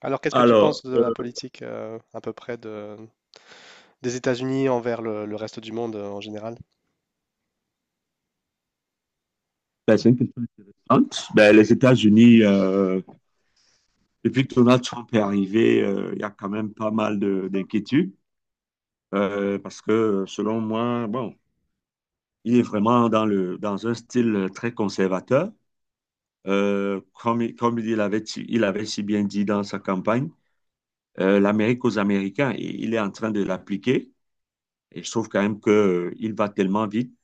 Alors, qu'est-ce que tu penses Alors, de la politique à peu près de, des États-Unis envers le reste du monde en général? ben, c'est une question intéressante. Ben, les États-Unis, depuis que Donald Trump est arrivé, il y a quand même pas mal d'inquiétudes parce que, selon moi, bon, il est vraiment dans un style très conservateur. Comme il avait, il avait si bien dit dans sa campagne, l'Amérique aux Américains, et il est en train de l'appliquer. Et je trouve quand même que il va tellement vite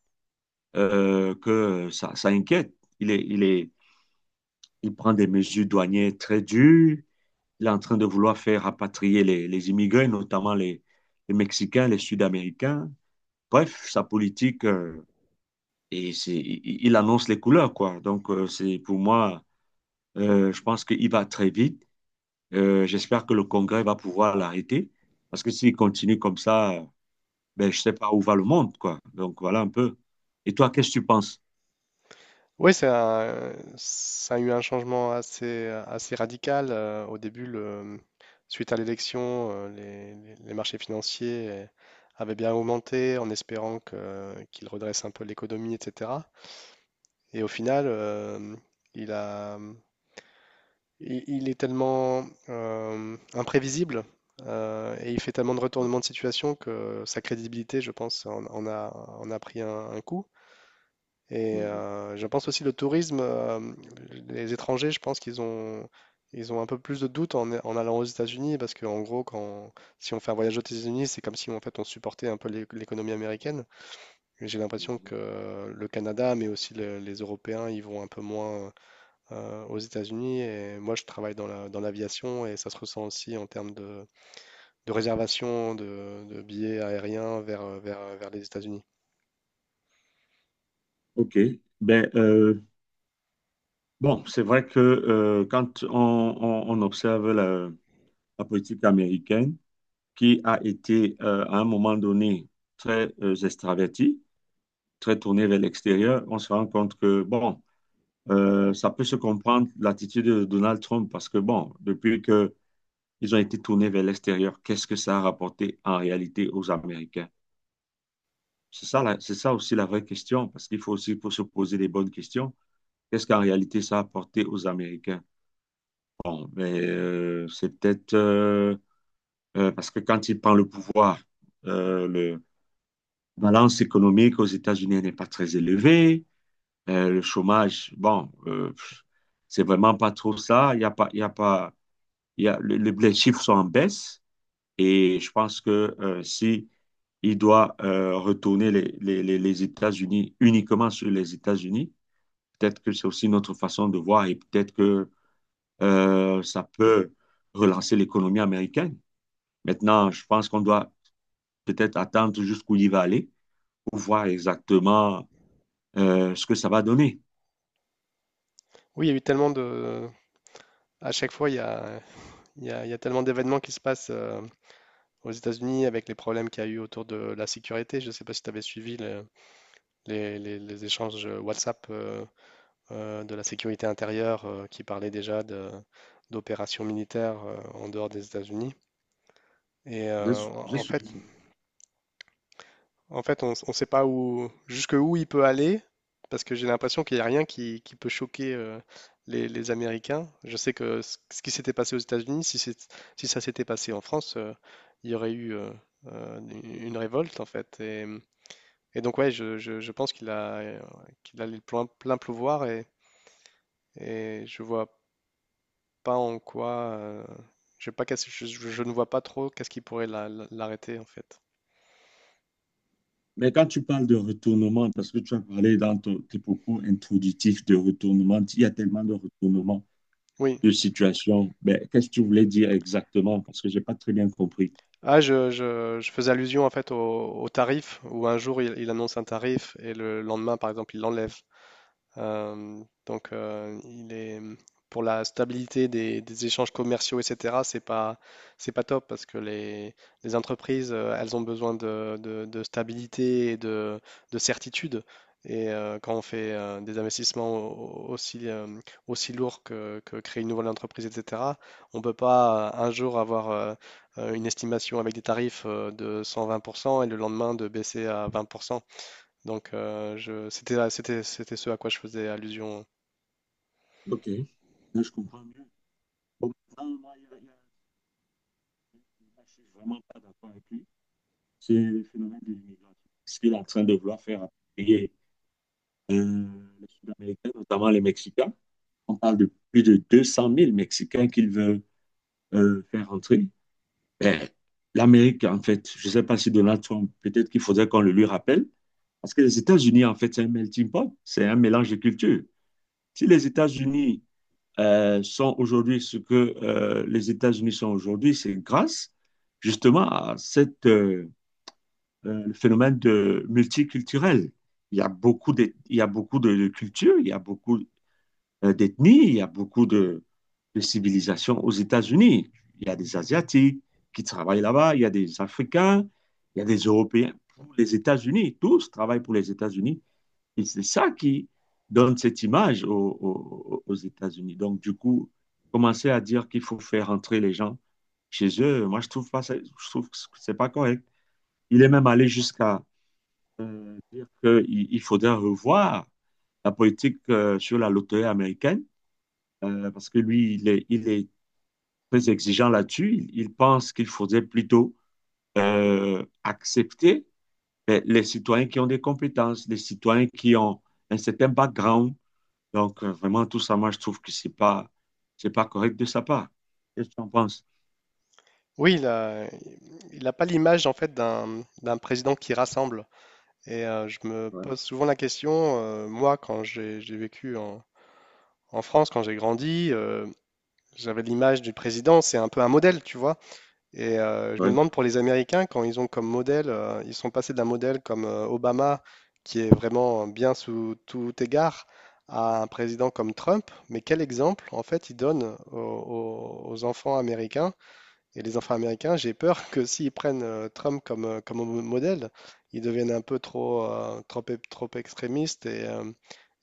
que ça inquiète. Il est, il est, il prend des mesures douanières très dures. Il est en train de vouloir faire rapatrier les immigrés, notamment les Mexicains, les Sud-Américains. Bref, sa politique, il annonce les couleurs, quoi. Donc, c'est pour moi, je pense qu'il va très vite. J'espère que le Congrès va pouvoir l'arrêter, parce que s'il continue comme ça, ben, je ne sais pas où va le monde, quoi. Donc, voilà un peu. Et toi, qu'est-ce que tu penses? Oui, ça a eu un changement assez radical. Au début, suite à l'élection, les marchés financiers avaient bien augmenté en espérant qu'il redresse un peu l'économie, etc. Et au final, il a, il est tellement imprévisible et il fait tellement de retournements de situation que sa crédibilité, je pense, en a, en a pris un coup. Et Mhm. Je pense aussi le tourisme, les étrangers, je pense ils ont un peu plus de doutes en allant aux États-Unis parce qu'en gros, si on fait un voyage aux États-Unis, c'est comme si en fait on supportait un peu l'économie américaine. Et j'ai l'impression Mhm. que le Canada, mais aussi les Européens, ils vont un peu moins aux États-Unis. Et moi, je travaille dans dans l'aviation et ça se ressent aussi en termes de réservation de billets aériens vers les États-Unis. OK. Ben, bon, c'est vrai que quand on observe la politique américaine, qui a été à un moment donné très extraverti, très tourné vers l'extérieur, on se rend compte que, bon, ça peut se comprendre l'attitude de Donald Trump parce que, bon, depuis qu'ils ont été tournés vers l'extérieur, qu'est-ce que ça a rapporté en réalité aux Américains? C'est ça, c'est ça aussi la vraie question, parce qu'il faut aussi faut se poser les bonnes questions. Qu'est-ce qu'en réalité ça a apporté aux Américains? Bon, mais c'est peut-être parce que quand il prend le pouvoir, euh, le, balance économique aux États-Unis n'est pas très élevée. Le chômage, bon, c'est vraiment pas trop ça. Il y a pas, il y a pas, il y a, les chiffres sont en baisse et je pense que si il doit retourner les États-Unis uniquement sur les États-Unis, peut-être que c'est aussi notre façon de voir et peut-être que ça peut relancer l'économie américaine. Maintenant, je pense qu'on doit peut-être attendre jusqu'où il va aller pour voir exactement ce que ça va donner. Oui, il y a eu tellement de... À chaque fois, il y a tellement d'événements qui se passent aux États-Unis avec les problèmes qu'il y a eu autour de la sécurité. Je ne sais pas si tu avais suivi les échanges WhatsApp de la sécurité intérieure qui parlaient déjà d'opérations militaires en dehors des États-Unis. Et Je suis- je en fait, suis sûr. en fait, on ne sait pas où, jusque où il peut aller, parce que j'ai l'impression qu'il n'y a rien qui peut choquer les Américains. Je sais que ce qui s'était passé aux États-Unis, si, si ça s'était passé en France, il y aurait eu une révolte, en fait. Et donc, ouais, je pense qu'il a, qu'il a le plein pouvoir et je vois pas en quoi. euh, je sais pas je ne vois pas trop qu'est-ce qui pourrait l'arrêter, en fait. Mais quand tu parles de retournement, parce que tu as parlé dans tes propos introductifs de retournement, il y a tellement de retournements Oui, de situation. Mais qu'est-ce que tu voulais dire exactement? Parce que je n'ai pas très bien compris. ah, je faisais allusion en fait au tarif où un jour il annonce un tarif et le lendemain par exemple il l'enlève. Il est pour la stabilité des échanges commerciaux, etc. C'est pas top parce que les entreprises, elles ont besoin de, de stabilité et de certitude. Et quand on fait des investissements aussi aussi lourds que créer une nouvelle entreprise, etc. On ne peut pas un jour avoir une estimation avec des tarifs de 120% et le lendemain de baisser à 20%. Donc, je, c'était ce à quoi je faisais allusion. Ok. Là, je comprends mieux. Bon, maintenant, moi, là, je ne suis vraiment pas d'accord avec lui. C'est le phénomène de l'immigration. Ce qu'il est en train de vouloir faire appuyer euh, les Sud-Américains, notamment les Mexicains. On parle de plus de 200 000 Mexicains qu'il veut faire entrer. Ben, l'Amérique, en fait, je ne sais pas si Donald Trump, peut-être qu'il faudrait qu'on le lui rappelle, parce que les États-Unis, en fait, c'est un melting pot, c'est un mélange de cultures. Si les États-Unis sont aujourd'hui ce que les États-Unis sont aujourd'hui, c'est grâce justement à le phénomène de multiculturel. Il y a beaucoup de cultures, il y a beaucoup d'ethnie, il y a beaucoup de civilisations aux États-Unis. Il y a des Asiatiques qui travaillent là-bas, il y a des Africains, il y a des Européens pour les États-Unis, tous travaillent pour les États-Unis. Et c'est ça qui donne cette image aux États-Unis. Donc, du coup, commencer à dire qu'il faut faire entrer les gens chez eux, moi, je trouve pas, je trouve que c'est pas correct. Il est même allé jusqu'à dire qu'il il faudrait revoir la politique sur la loterie américaine parce que lui, il est très exigeant là-dessus. Il pense qu'il faudrait plutôt accepter ben, les citoyens qui ont des compétences, les citoyens qui ont un certain background. Donc, vraiment, tout ça, moi, je trouve que c'est pas correct de sa part. Qu'est-ce que tu en penses? Oui, il n'a pas l'image en fait d'un président qui rassemble. Et je me Ouais. pose souvent la question, moi, quand j'ai vécu en France, quand j'ai grandi, j'avais l'image du président, c'est un peu un modèle, tu vois. Et je me Ouais. demande pour les Américains, quand ils ont comme modèle, ils sont passés d'un modèle comme Obama, qui est vraiment bien sous tout égard, à un président comme Trump, mais quel exemple en fait ils donnent aux enfants américains? Et les enfants américains, j'ai peur que s'ils prennent Trump comme, modèle, ils deviennent un peu trop extrémistes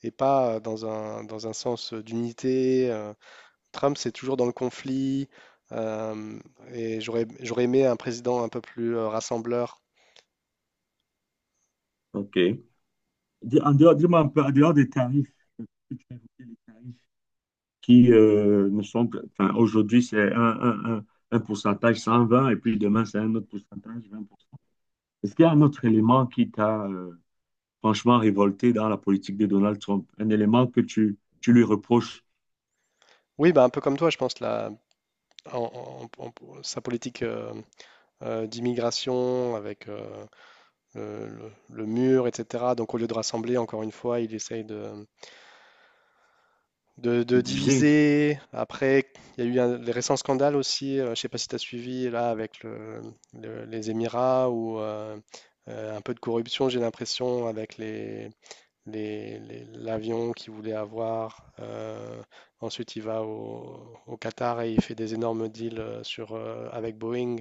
et pas dans dans un sens d'unité. Trump, c'est toujours dans le conflit. euh, J'aurais aimé un président un peu plus rassembleur. OK. En dehors, dis-moi un peu, en dehors des tarifs, que tu as évoqué, les tarifs qui ne sont que, enfin, aujourd'hui, c'est un pourcentage 120 et puis demain, c'est un autre pourcentage 20. Est-ce qu'il y a un autre élément qui t'a franchement révolté dans la politique de Donald Trump? Un élément que tu lui reproches Oui, bah, un peu comme toi, je pense, la, en- en- en- sa politique d'immigration avec le mur, etc. Donc, au lieu de rassembler, encore une fois, il essaye de de diviser? diviser. Après, il y a eu les récents scandales aussi. Je ne sais pas si tu as suivi, là, avec les Émirats ou un peu de corruption, j'ai l'impression, avec l'avion qu'il voulait avoir. Ensuite, il va au Qatar et il fait des énormes deals avec Boeing.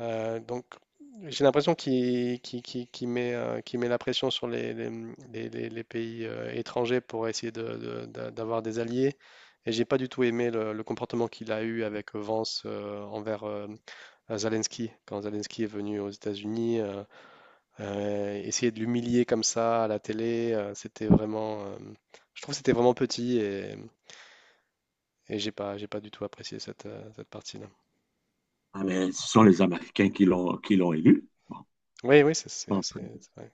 Euh, donc, j'ai l'impression qu'il met la pression sur les pays étrangers pour essayer d'avoir des alliés. Et j'ai pas du tout aimé le comportement qu'il a eu avec Vance envers Zelensky. Quand Zelensky est venu aux États-Unis, essayer de l'humilier comme ça à la télé, c'était vraiment, je trouve que c'était vraiment petit et j'ai pas du tout apprécié cette, cette partie-là. Ah, mais ce sont les Américains qui l'ont élu. Oui, oui, Bon, je pense que, c'est vrai.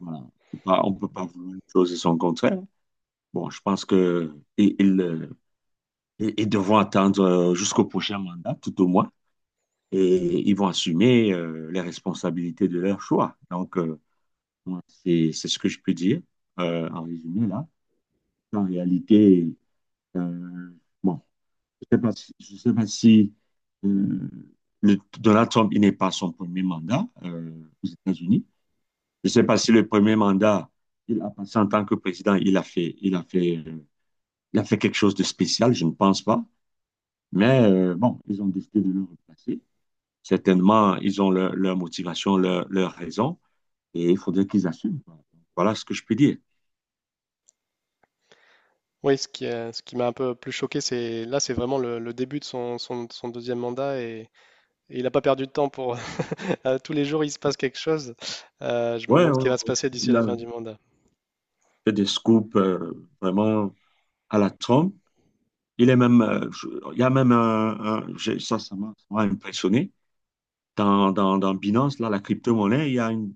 voilà, on peut pas vouloir une chose et son contraire. Bon, je pense que ils devront attendre jusqu'au prochain mandat, tout au moins, et ils vont assumer les responsabilités de leur choix. Donc, moi, c'est ce que je peux dire en résumé là. En réalité, Euh, bon, je ne sais pas si, je sais pas si euh, Donald Trump, il n'est pas son premier mandat aux États-Unis. Je ne sais pas si le premier mandat, il a passé en tant que président, il a fait, il a fait, il a fait quelque chose de spécial, je ne pense pas. Mais bon, ils ont décidé de le replacer. Certainement, ils ont leur motivation, leur raison, et il faudrait qu'ils assument, quoi. Voilà ce que je peux dire. Oui, ce qui m'a un peu plus choqué, c'est là, c'est vraiment le début de son deuxième mandat et il n'a pas perdu de temps pour à tous les jours il se passe quelque chose. Je me Ouais, demande ce ouais, qui va se ouais. passer d'ici Il la a fin du mandat. fait des scoops vraiment à la Trump. Il est même, il y a même un, ça m'a impressionné. Dans Binance, là, la crypto-monnaie,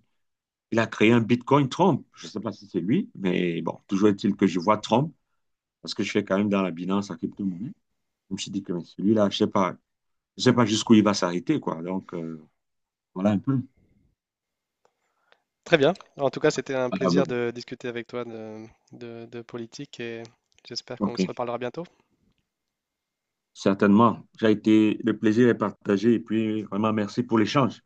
il a créé un Bitcoin Trump. Je ne sais pas si c'est lui, mais bon, toujours est-il que je vois Trump, parce que je fais quand même dans la Binance la crypto-monnaie. Je me suis dit que mais celui-là, je sais pas jusqu'où il va s'arrêter, quoi. Donc, voilà un peu. Très bien. En tout cas, c'était un Ah plaisir ben, de discuter avec toi de, de politique et j'espère qu'on ok, se reparlera bientôt. certainement. J'ai été, le plaisir est partagé et puis vraiment merci pour l'échange.